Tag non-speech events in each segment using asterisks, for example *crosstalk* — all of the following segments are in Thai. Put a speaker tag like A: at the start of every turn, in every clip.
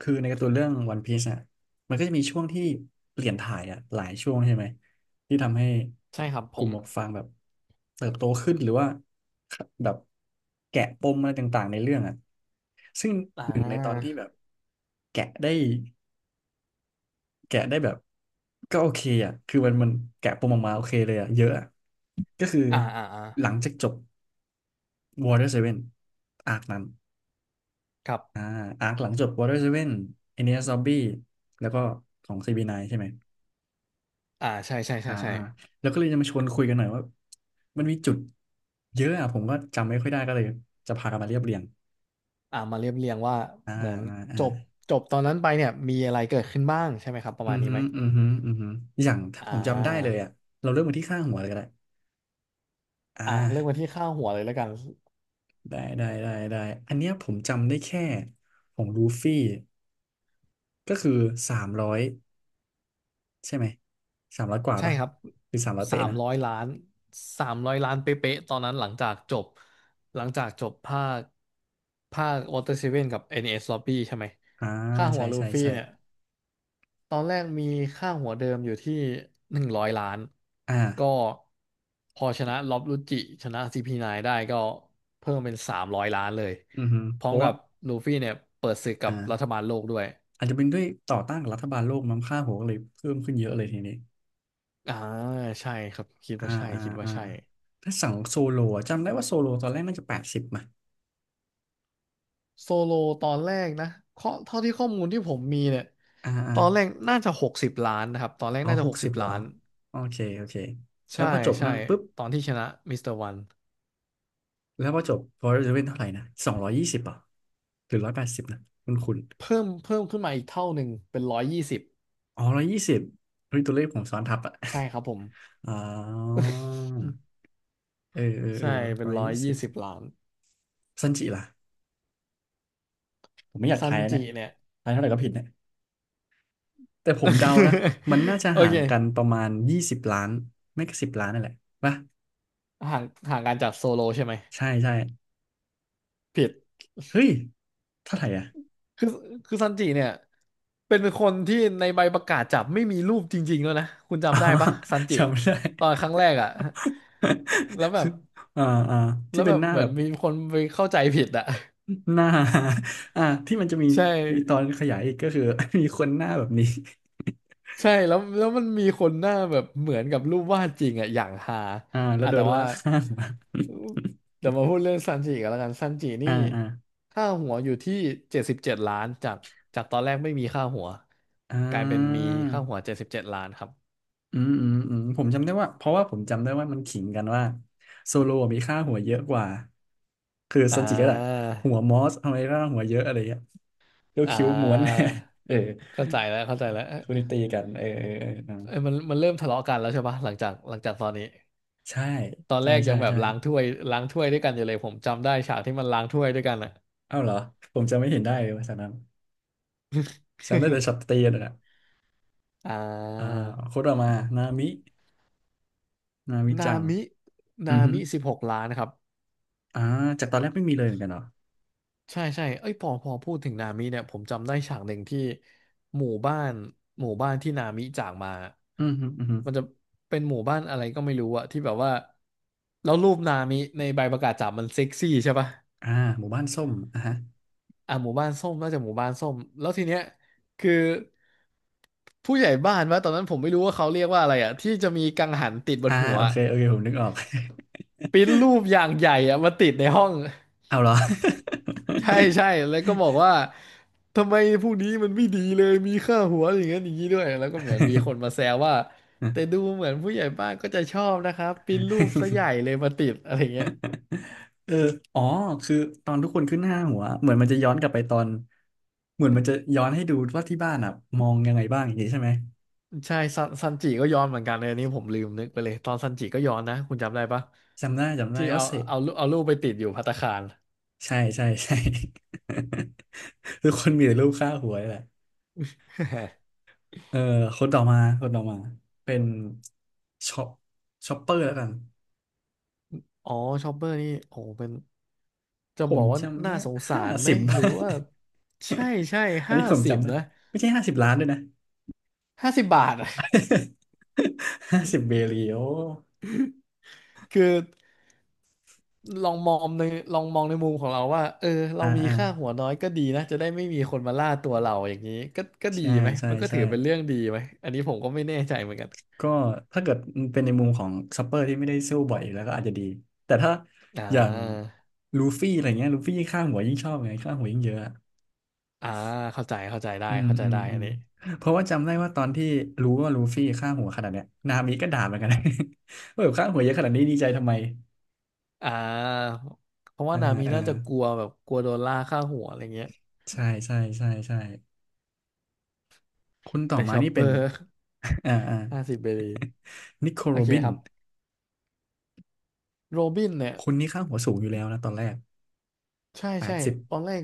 A: คือในการ์ตูนเรื่องวันพีซอ่ะมันก็จะมีช่วงที่เปลี่ยนถ่ายอ่ะหลายช่วงใช่ไหมที่ทำให้
B: ใช่ครับ
A: ก
B: ผ
A: ลุ่ม
B: ม
A: หมวกฟางแบบเติบโตขึ้นหรือว่าแบบแกะปมอะไรต่างๆในเรื่องอ่ะซึ่ง
B: อ่
A: หนึ่งในตอน
B: า
A: ที่แบบแกะได้แกะได้แบบก็โอเคอ่ะคือมันแกะปมออกมาโอเคเลยอ่ะเยอะอะก็คือ
B: อ่าอ่าอ่า
A: หลังจากจบ Water Seven อาร์คนั้น
B: ครับ
A: อ่าอาร์คหลังจบ Water Seven Enies Lobby แล้วก็ของ CB9 ใช่ไหม
B: ใช่ใช่
A: อ่า
B: ใช่ใช่
A: อ่าแล้วก็เลยจะมาชวนคุยกันหน่อยว่ามันมีจุดเยอะอ่ะผมก็จำไม่ค่อยได้ก็เลยจะพากันมาเรียบเรียง
B: มาเรียบเรียงว่า
A: อ่า
B: เหมือน
A: อ่าอ่า
B: จบจบตอนนั้นไปเนี่ยมีอะไรเกิดขึ้นบ้างใช่ไหมครับประ
A: อื
B: มา
A: อ
B: ณนี้
A: ฮึ
B: ไหม
A: อือฮึอือฮึอย่างถ้า
B: อ่
A: ผมจำได้เลย
B: า
A: อ่ะเราเริ่มมาที่ข้างหัวเลยก็ได้อ่
B: เริ่มกัน
A: า
B: ที่ค่าหัวเลยแล้วกัน
A: ได้ได้ได้ได้อันเนี้ยผมจำได้แค่ของลูฟี่ก็คือสามร้อยใช่ไหมสามร้อยกว่า
B: ใช่
A: ปะ
B: ครับ
A: หรือสามร้อย
B: สา
A: เป๊ะ
B: ม
A: นะ
B: ร้อยล้านสามร้อยล้านเป๊ะๆตอนนั้นหลังจากจบภาควอเตอร์เซเว่นกับ NS Lobby ใช่ไหม
A: อ่า
B: ค่าหั
A: ใช่
B: วลู
A: ใช่
B: ฟี่
A: ใช่
B: เนี่ย ตอนแรกมีค่าหัวเดิมอยู่ที่100 ล้านก็
A: อ่า
B: พอชนะล็อบรุจิชนะ CP9 ไนน์ได้ก็เพิ่มเป็นสามร้อยล้านเลย
A: อือฮึ
B: พ
A: เพ
B: ร้อม
A: ราะว่า
B: กับลูฟี่เนี่ยเปิดศึกกับรัฐ
A: อ่า
B: บาลโลกด้วย
A: อาจจะเป็นด้วยต่อต้านกับรัฐบาลโลกมั้งค่าหัวก็เลยเพิ่มขึ้นเยอะเลยทีนี้
B: อ่าใช่ครับคิด
A: อ่า
B: ว่าใช่
A: อ่า
B: คิดว่า
A: อ่า
B: ใช่
A: ถ้าสั่งโซโลอะจำได้ว่าโซโลตอนแรกน่าจะแปดสิบมา
B: โซโลตอนแรกนะเท่าที่ข้อมูลที่ผมมีเนี่ย
A: อ่าอ่า
B: ตอนแรกน่าจะหกสิบล้านนะครับตอนแรก
A: อ๋อ
B: น่าจะ
A: ห
B: ห
A: ก
B: กสิ
A: สิบ
B: บ
A: เหรอ
B: ล้าน
A: โอเคโอเคแล้
B: ใช่
A: วพอจบ
B: ใช่
A: นั่นปุ๊บ
B: ตอนที่ชนะมิสเตอร์วัน
A: แล้วพอจบพอจะเป็นเท่าไหร่นะ220อ่ะหรือ180นะคุณ
B: เพิ่มขึ้นมาอีกเท่าหนึ่งเป็นร้อยยี่สิบ
A: อ๋อร้อยยี่สิบเฮ้ยตัวเลขผมซ้อนทับอ่ะ
B: ใช่ครับผม
A: *laughs* อ๋อเออเออเอ
B: ใช่
A: อ
B: เป็
A: ร้
B: น
A: อย
B: ร้อย
A: ยี่สิ
B: ยี่
A: บ
B: สิบล้าน
A: ซันจิล่ะผมไม่อยาก
B: ซั
A: ทา
B: น
A: ยแล้วเนี่
B: จิ
A: ย
B: เนี่ย
A: ทายเท่าไหร่ก็ผิดเนี่ย แต่ผมเดานะมัน
B: *laughs*
A: น่าจะ
B: โอ
A: ห่า
B: เค
A: งกันประมาณ20 ล้านไม่ก็สิบล้านนั่นแหละป่ะ
B: ห่างห่างกันจากโซโลใช่ไหม
A: ใช่ใช่
B: ผิด
A: เฮ้ยเท่าไหร่อ่ะ
B: คือคือซันจิเนี่ยเป็นคนที่ในใบประกาศจับไม่มีรูปจริงๆแล้วนะคุณ
A: *laughs* อ๋อ
B: จำได้ปะซันจิ
A: จำไม่ได้
B: ตอนครั้งแรกอ่ะ *laughs* แล้ว
A: *laughs*
B: แบ
A: คื
B: บ
A: ออ่าอ่า
B: แล้
A: ที่
B: ว
A: เป็
B: แบ
A: น
B: บ
A: หน้า
B: เหมื
A: แบ
B: อน
A: บ
B: มีคนไปเข้าใจผิดอ่ะ *laughs*
A: หน้า *laughs* อ่าที่มันจะมี
B: ใช่
A: มีตอนขยายอีกก็คือ *laughs* มีคนหน้าแบบนี้
B: ใช่แล้วมันมีคนหน้าแบบเหมือนกับรูปวาดจริงอ่ะอย่างฮา
A: *laughs* อ่าแล้ว
B: อ่ะ
A: โด
B: แต่
A: นลา
B: ว่า
A: กข้างมา
B: เดี๋ยวมาพูดเรื่องซันจิกันแล้วกันซันจิ
A: *laughs*
B: นี่
A: อ่าอ่า
B: ค่าหัวอยู่ที่เจ็ดสิบเจ็ดล้านจากจากตอนแรกไม่มีค่าหัว
A: อ่า
B: กลายเป็นมีค่าหัวเจ็ดสิบเจ็ดล้านครับ
A: อืมอืมอืมผมจำได้ว่าเพราะว่าผมจำได้ว่ามันขิงกันว่าโซโลมีค่าหัวเยอะกว่าคือ
B: อ่
A: ซันจิก็แหละ
B: า
A: หัวมอสทำไมร่างหัวเยอะอะไรเงี้ยก็
B: อ่า
A: คิ้วม้วน *laughs* เออ
B: เข้าใจแล้วเข้าใจแล้วเอ้ย
A: คุณีตีกันเออเออเออนะ
B: เอ้ยมันเริ่มทะเลาะกันแล้วใช่ปะหลังจากตอนนี้
A: ใช่
B: ตอน
A: ใช่
B: แรกยั
A: ใช่
B: งแบบ
A: ใช่
B: ล้างถ้วยด้วยกันอยู่เลยผมจำได้ฉากที่มันล้างถ้วยด้วยกันอ่ะ
A: เอ้าเหรอผมจำไม่เห็นได้เลยภาฉะนั้นฉันได้แต่ช็อตตีนั่นแหละ
B: อ่
A: อ่าโค
B: า
A: ตรมานามินามิ
B: นา
A: จัง
B: มิ
A: อื
B: นา
A: อฮึ
B: มิ16 ล้านครับ
A: อ่าจากตอนแรกไม่มีเลยเหมือนกันเหรอ
B: ใช่ใช่เอ้ยพอพูดถึงนามิเนี่ยผมจำได้ฉากหนึ่งที่หมู่บ้านหมู่บ้านที่นามิจากมา
A: อือฮึอือฮึ
B: มันจะเป็นหมู่บ้านอะไรก็ไม่รู้อะที่แบบว่าแล้วรูปนามิในใบประกาศจับมันเซ็กซี่ใช่ปะ
A: อ่าหมู่บ้านส้มอ่ะฮะ
B: อ่ะหมู่บ้านส้มน่าจะหมู่บ้านส้มแล้วทีเนี้ยคือผู้ใหญ่บ้านวะตอนนั้นผมไม่รู้ว่าเขาเรียกว่าอะไรอะที่จะมีกังหันติดบ
A: อ่า
B: นหัว
A: โอเคโอเคผมนึกออก
B: ปริ้นรูปอย่างใหญ่อะมาติดในห้อง
A: เอาเหรอ
B: ใช่ใช่แล้วก็บอกว่าทำไมพวกนี้มันไม่ดีเลยมีค่าหัวอย่างนั้นอย่างนี้ด้วยแล้วก็เหมือนมีคนมาแซวว่าแต่ดูเหมือนผู้ใหญ่บ้านก็จะชอบนะครับปิ้นรูปซะให
A: *laughs*
B: ญ่เลยมาติดอะไรเงี้ย
A: เอออ๋อคือตอนทุกคนขึ้นห้าหัว เหมือนมันจะย้อนกลับไปตอนเหมือนมันจะย้อนให้ดูว่าที่บ้านอ่ะมองยังไงบ้างอย่างนี้ใช่ไหม
B: ใช่ซันจิก็ย้อนเหมือนกันเลยอันนี้ผมลืมนึกไปเลยตอนซันจิก็ย้อนนะคุณจำได้ภั
A: จำได้จำได้
B: ที่เอา
A: ว่าเสก
B: เอารูปเอารูปไปติดอยู่ภัตตาคาร
A: ใช่ใช่ *laughs* ใช่ *laughs* ทุกคนมีแต่รูปค่าหัวนี่แหละ
B: *laughs*
A: เออคนต่อมาคนต่อมาเป็นช็อปช็อปเปอร์แล้วกัน
B: อ๋อชอปเปอร์นี่โอ้เป็นจะ
A: ผ
B: บ
A: ม
B: อกว่า
A: จำ
B: น่า
A: ได้
B: สงสา
A: ห้า
B: รไหม
A: สิบ
B: หรือว่า
A: *laughs*
B: ใช่ใช่
A: อัน
B: ห้า
A: นี้ผม
B: สิบ
A: จำได้
B: นะ
A: ไม่ใช่50 ล้านด้วยนะ
B: 50 บาทอะ
A: *laughs* 50 เบรีโอ
B: *laughs* คือ ลองมองในลองมองในมุมของเราว่าเออเรา
A: อ่า
B: มี
A: อ่า
B: ค่าหัวน้อยก็ดีนะจะได้ไม่มีคนมาล่าตัวเราอย่างนี้ก็ก็ดี
A: ใช่
B: ไหม
A: ใช่
B: มันก็ถื
A: ใช่
B: อเป็นเรื่องดีไหมอันนี้ผมก็ไม่แน่ใจเหมือนกัน
A: ก็ถ้าเกิดเป็นในมุมของซัปเปอร์ที่ไม่ได้สู้บ่อยอยู่แล้วก็อาจจะดีแต่ถ้า
B: อ่
A: อย่าง
B: า
A: ลูฟี่อะไรเงี้ยลูฟี่ยิ่งฆ่าหัวยิ่งชอบไงฆ่าหัวยิ่งเยอะอะ
B: อ่าเข้าใจได้
A: อืม
B: เข้าใจ
A: อืม
B: ได้
A: อื
B: อัน
A: ม
B: นี้
A: เพราะว่าจำได้ว่าตอนที่รู้ว่าลูฟี่ฆ่าหัวขนาดเนี้ยนามิก็ด่าเหมือนกันนะ *laughs* ว่าแบบฆ่าหัวเยอะขนาดนี้ดีใจทำไม
B: อ่าเพราะว่า
A: อ่า
B: นามี
A: อ่า
B: น่าจะกลัวแบบกลัวโดนล่าค่าหัวอะไรเงี้ย
A: ใช่ใช่ใช่ใช่คนต่อ
B: แต่
A: มา
B: ชอป
A: นี่
B: เป
A: เป็น
B: อร์
A: *laughs* อ่าอ่า
B: *laughs* 50 เบรี
A: *laughs* นิโค
B: โอ
A: โร
B: เค
A: บิน
B: ครับโรบินเนี่ย
A: คนนี้ค่าหัวสูงอยู่แล้วนะตอนแรก
B: ใช่
A: แปด
B: ใช่
A: สิบ
B: ตอนแรก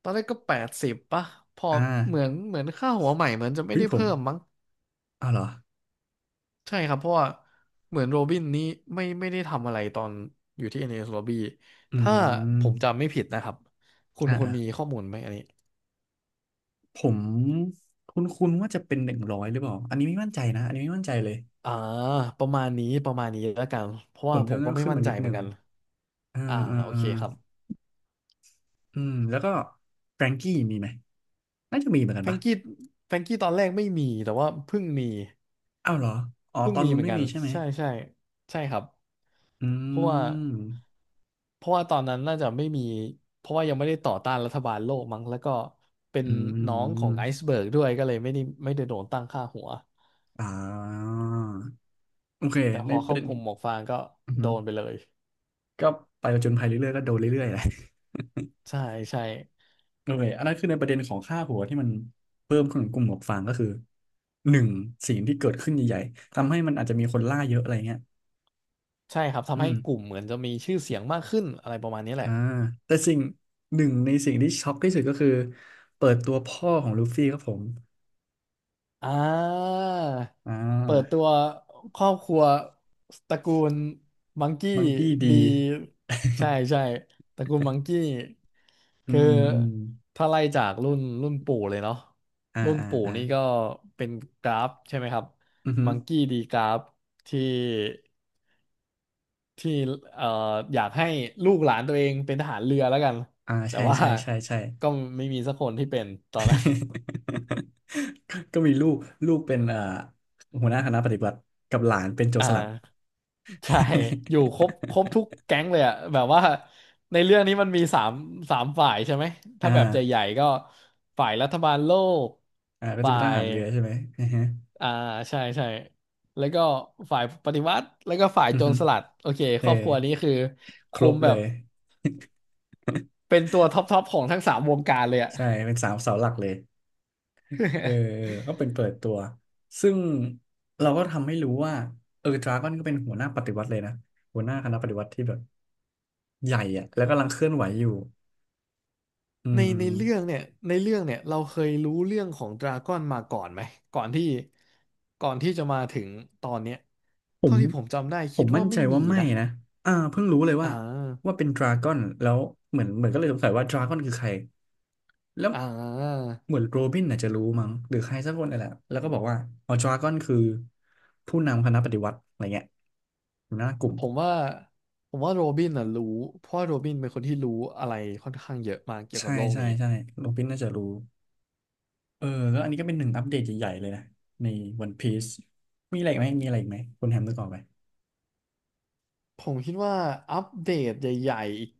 B: ตอนแรกก็80ป่ะพอ
A: อ่า
B: เหมือนค่าหัวใหม่เหมือนจะไม่
A: เฮ้ย
B: ได้
A: ผม
B: เพิ่มมั้ง
A: อ้าวเหรอ
B: ใช่ครับเพราะว่าเหมือนโรบินนี้ไม่ได้ทำอะไรตอนอยู่ที่ NS Lobby
A: อื
B: ถ้าผม
A: ม
B: จำไม่ผิดนะครับคุณ
A: อ่า
B: คุณมีข้
A: ๆ
B: อมูลไหมอันนี้
A: ผมคุ้นๆว่าจะเป็น100หรือเปล่าอันนี้ไม่มั่นใจนะอันนี้ไม่มั่นใจเลย
B: อ่าประมาณนี้ประมาณนี้แล้วกันเพราะ
A: ผ
B: ว่า
A: ม
B: ผ
A: จำ
B: ม
A: ได้
B: ก็
A: ว่า
B: ไม่
A: ขึ้น
B: มั่น
A: มา
B: ใจ
A: นิดห
B: เหมือ
A: นึ่
B: น
A: ง
B: กัน
A: อ่า
B: อ่า
A: อ่า
B: โอ
A: อ่า
B: เคครับ
A: อืมแล้วก็แฟรงกี้มีไหมน่าจะมีเหมือนกัน
B: แฟรง
A: ปะ
B: กี้แฟรงกี้ตอนแรกไม่มีแต่ว่าเพิ่งมี
A: อ้าวเหรออ๋อ
B: เพิ่ง
A: ตอน
B: มี
A: นู้
B: เห
A: น
B: มือน
A: ไม่
B: กัน
A: มีใช่ไหม
B: ใช่ใช่ใช่ครับ
A: อื
B: เพราะว่า
A: ม
B: เพราะว่าตอนนั้นน่าจะไม่มีเพราะว่ายังไม่ได้ต่อต้านรัฐบาลโลกมั้งแล้วก็เป็น
A: อื
B: น้องของไอ
A: ม
B: ซ์เบิร์กด้วยก็เลยไม่ได้โดนตั้งค่าหัว
A: อ่าโอเค
B: แต่พ
A: ใน
B: อ
A: ประ
B: เข้า
A: เด็น
B: กลุ่มหมวกฟางก็
A: อือ
B: โด
A: ฮึ
B: นไปเลย
A: ก็ไปผจญภัยเรื่อยๆก็โดนเรื่อยๆแหละ
B: ใช่ใช่
A: โอเคอันนั้นคือในประเด็นของค่าหัวที่มันเพิ่มขึ้นของกลุ่มหมวกฟางก็คือหนึ่งสิ่งที่เกิดขึ้นใหญ่ๆทำให้มันอาจจะมีคนล่าเยอะอะไรเงี้ย
B: ใช่ครับ
A: อื
B: ทำให้
A: ม
B: กลุ่มเหมือนจะมีชื่อเสียงมากขึ้นอะไรประมาณนี้แห
A: อ่า
B: ละ
A: แต่สิ่งหนึ่งในสิ่งที่ช็อกที่สุดก็คือเปิดตัวพ่อของลูฟี่ครับผม
B: อ่า
A: อ่
B: เปิดตั
A: า
B: วครอบครัวตระกูลมังกี้
A: มังกี้
B: ดี
A: ดี
B: ใช่ใช่ตระกูลมังกี้
A: *laughs* อื
B: คือ
A: มอืม
B: ถ้าไล่จากรุ่นปู่เลยเนาะ
A: อ่า
B: รุ่น
A: อ่า
B: ปู่
A: อ่า
B: นี่ก็เป็นกราฟใช่ไหมครับ
A: อือหือ
B: มังกี้ดีกราฟที่ที่เอ่ออยากให้ลูกหลานตัวเองเป็นทหารเรือแล้วกัน
A: อ่า
B: แต่
A: ใช่
B: ว่า
A: ใช่ใช่ใช่
B: ก็ไม่มีสักคนที่เป็นตอนนั้น
A: *laughs* ก็มีลูกลูกเป็นหัวหน้าคณะปฏิบัติกับหลานเป็นโจ
B: *laughs*
A: ร
B: อ่า
A: สลัด
B: ใช่อยู่ครบคร
A: *laughs*
B: บทุกแก๊งเลยอะแบบว่าในเรื่องนี้มันมีสามฝ่ายใช่ไหม ถ้า
A: อ่า
B: แบบใหญ่ๆก็ฝ่ายรัฐบาลโลก
A: อ่าก็จะ
B: ฝ่า
A: เป็นท
B: ย
A: หารเรือใช่ไหมอือฮึ
B: อ่าใช่ใช่แล้วก็ฝ่ายปฏิวัติ แล้วก็ฝ่าย
A: อื
B: โจ
A: อฮึ
B: รสลัด โอเคค
A: เออ
B: รอบครัวนี้คือ
A: คร
B: คุม
A: บ
B: แบ
A: เล
B: บ
A: ย
B: เป็นตัวท็อปของทั้งสามวงการเลยอะ
A: ใช่เป็นสามเสาหลักเลยเออ
B: *laughs*
A: ก็เป็นเปิดตัวซึ่งเราก็ทำให้รู้ว่าเออดราก้อนก็เป็นหัวหน้าปฏิวัติเลยนะหัวหน้าคณะปฏิวัติที่แบบใหญ่อะแล้วกำลังเคลื่อนไหวอยู่อื
B: ในเรื่อง
A: ม
B: เนี่ยในเรื่องเนี่ยเราเคยรู้เรื่องของดราก้อนมาก่อนไหมก่อนที่ก่อนที่จะมาถึงตอนเนี้ย
A: ผ
B: เท่า
A: ม
B: ที่ผมจำได้
A: ผ
B: คิด
A: ม
B: ว่า
A: มั่นใจ
B: ไม่มี
A: ว่าไม่
B: นะ
A: นะอ่าเพิ่งรู้เลย
B: อ่
A: ว่า
B: า
A: เป็นดราก้อนแล้วเหมือนก็เลยสงสัยว่าดราก้อนคือใคร แล้ว
B: อ่า
A: เหมือนโรบินอาจจะรู้มั้งหรือใครสักคนอะ่แหละแล้วก็บอกว่าอ๋อดราก้อนคือผู้นำคณะปฏิวัติอะไรเงี้ยหัวหน้ากลุ่ม
B: ผมว่าผมว่าโรบินน่ะรู้เพราะว่าโรบินเป็นคนที่รู้อะไรค่อนข้างเยอะมากเกี่ยว
A: ใช่
B: กับโลก
A: ใช่
B: นี้
A: ใช่โรบินน่าจะรู้เออแล้วอันนี้ก็เป็นหนึ่งอัปเดตใหญ่ๆเลยนะในวันพีซมีอะไรอีกไหมมีอะไรอีกไหมคุณแฮมนึกออกไหม
B: ผมคิดว่าอัปเดตใหญ่ๆอีก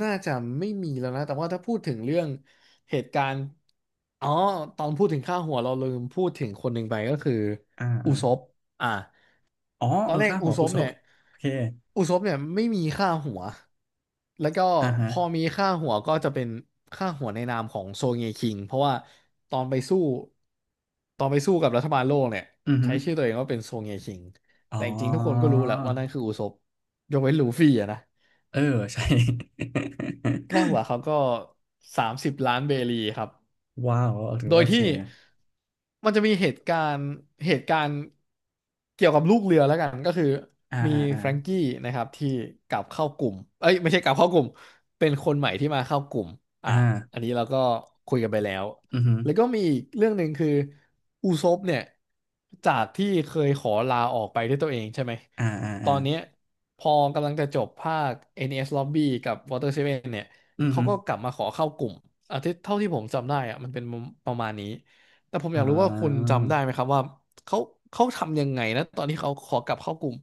B: น่าจะไม่มีแล้วนะแต่ว่าถ้าพูดถึงเรื่องเหตุการณ์อ๋อตอนพูดถึงค่าหัวเราลืมพูดถึงคนหนึ่งไปก็คือ
A: อ่า
B: อุ
A: อ่า
B: ซบอ่ะ
A: อ๋อ
B: ตอ
A: เอ
B: น
A: อ
B: แรก
A: ค่าหั
B: อุ
A: ว
B: ซ
A: คุ
B: บ
A: ซบ
B: เนี่ย
A: โอเค
B: อุซบเนี่ยไม่มีค่าหัวแล้วก็
A: อ่าฮะ
B: พอมีค่าหัวก็จะเป็นค่าหัวในนามของโซเงคิงเพราะว่าตอนไปสู้ตอนไปสู้กับรัฐบาลโลกเนี่ย
A: อือฮึ
B: ใช้ชื่อตัวเองว่าเป็นโซเงคิง
A: อ๋
B: แต่จริงๆทุกคนก็
A: อ
B: รู้แหละว่านั่นคืออุซบยกเว้นลูฟี่อะนะ
A: เออใช่
B: ค่าหัวเขาก็30,000,000 เบรีครับ
A: *laughs* ว้าวเออถือ
B: โด
A: ว่า
B: ย
A: โอเค
B: ที่
A: นะ
B: มันจะมีเหตุการณ์เกี่ยวกับลูกเรือแล้วกันก็คือ
A: อ่า
B: มี
A: อ่าอ่า
B: แฟรงกี้นะครับที่กลับเข้ากลุ่มเอ้ยไม่ใช่กลับเข้ากลุ่ม เป็นคนใหม่ที่มาเข้ากลุ่มอ่ะ
A: อ่
B: อัน
A: า
B: นี้เราก็คุยกันไปแล้ว
A: อือฮึ
B: แล้วก็มีอีกเรื่องหนึ่งคืออูซบเนี่ยจากที่เคยขอลาออกไปด้วยตัวเองใช่ไหม
A: อ่าอ่า
B: ต
A: อ่า
B: อนเนี้ยพอกำลังจะจบภาค NES Lobby กับ Water Seven เนี่ย
A: อือ
B: เขา
A: ฮึ
B: ก็กลับมาขอเข้ากลุ่มอ่ะที่เท่าที่ผมจำได้อะมันเป็นประมาณนี้แต่ผมอ
A: อ่
B: ยากรู้ว่าคุณ
A: า
B: จำได้ไหมครับว่าเขาเขาทำยังไงนะตอนที่เขาขอกลับเข้ากลุ่ม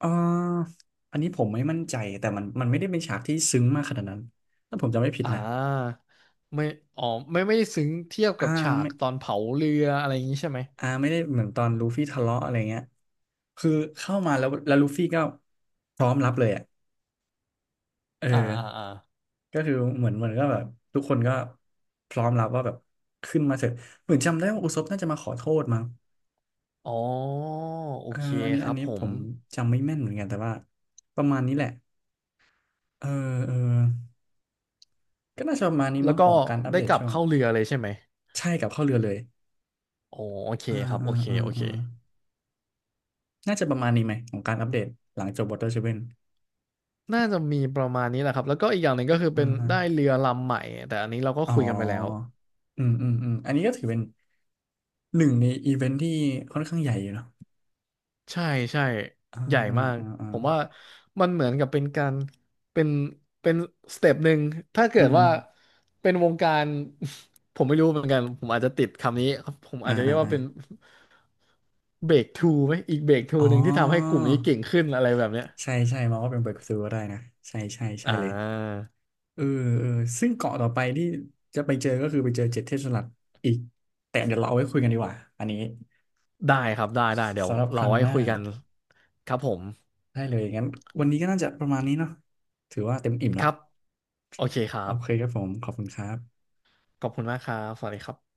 A: อ่าอันนี้ผมไม่มั่นใจแต่มันไม่ได้เป็นฉากที่ซึ้งมากขนาดนั้นถ้าผมจำไม่ผิด
B: อ่
A: นะ
B: าไม่อ๋อไม่ได้ซึ้งเทียบ
A: อ่า
B: กับฉาก
A: ไม่
B: ตอนเผาเรืออะไรอย่างนี้ใช่ไหม
A: อ่าไม่ได้เหมือนตอนลูฟี่ทะเลาะอะไรเงี้ยคือเข้ามาแล้วลูฟี่ก็พร้อมรับเลยอ่ะเออ
B: อ่าอ่าอ่า
A: ก็คือเหมือนก็แบบทุกคนก็พร้อมรับว่าแบบขึ้นมาเถอะเหมือนจำได้ว่าอุซบน่าจะมาขอโทษมั้ง
B: อ๋อโอ
A: เออ
B: เค
A: อันนี้
B: ค
A: อั
B: รั
A: น
B: บ
A: นี้
B: ผ
A: ผ
B: ม
A: มจำไม่แม่นเหมือนกันแต่ว่าประมาณนี้แหละเออเออก็น่าจะประมาณนี้
B: แล้ว
A: มั้ง
B: ก็
A: ของการอัป
B: ได้
A: เดต
B: กลับ
A: ช่วง
B: เข้าเรือเลยใช่ไหม
A: ใช่กับเข้าวเรือเลย
B: อ๋อโอเค
A: อ่า
B: ครับ
A: อ่า
B: โอเค
A: อ่า
B: โอเค
A: อ่าน่าจะประมาณนี้ไหมของการอัปเดตหลังจบ Water Seven
B: น่าจะมีประมาณนี้แหละครับแล้วก็อีกอย่างหนึ่งก็คือ
A: อ่า
B: เป็น
A: อ่า
B: ได้เรือลำใหม่แต่อันนี้เราก็
A: อ๋อ
B: คุยกันไปแล้ว
A: อืมอืมอืมอันนี้ก็ถือเป็นหนึ่งในอีเวนท์ที่ค่อนข้างใหญ่อยู่เนาะ
B: ใช่ใช่
A: อ่า
B: ใหญ่
A: อ่า
B: มาก
A: อ่าอ่า
B: ผมว่ามันเหมือนกับเป็นการเป็นเป็นสเต็ปหนึ่งถ้าเกิ
A: อืม
B: ด
A: อฮึ
B: ว่าเป็นวงการ *laughs* ผมไม่รู้เหมือนกันผมอาจจะติดคำนี้ผม
A: อ่า
B: อาจจะเรี
A: อ่า
B: ยกว่า
A: อ่า
B: เป็นเบรกทูไหมอีกเบรกทู
A: อ๋อ
B: หนึ่งที่ทำให้กลุ่มนี้เก่งขึ้นอะไรแบบเนี้ย
A: ใช่ใช่มองว่าเป็น breakthrough ก็ได้นะใช่ใช่ใช่
B: อ่
A: เลย
B: า
A: เออเออซึ่งเกาะต่อไปที่จะไปเจอก็คือไปเจอเจ็ดเทศสลัดอีกแต่เดี๋ยวเราเอาไว้คุยกันดีกว่าอันนี้
B: ได้ครับได้เดี๋ยว
A: สำหรับค
B: เรา
A: รั้ง
B: ไว้
A: หน้า
B: คุยกันครับผม
A: ได้เลยงั้นวันนี้ก็น่าจะประมาณนี้เนาะถือว่าเต็มอิ่ม
B: ค
A: ละ
B: รับโอเคค
A: โอ
B: รับ
A: เคครับผมขอบคุณครับ
B: ขอบคุณมากครับสวัสดีครับ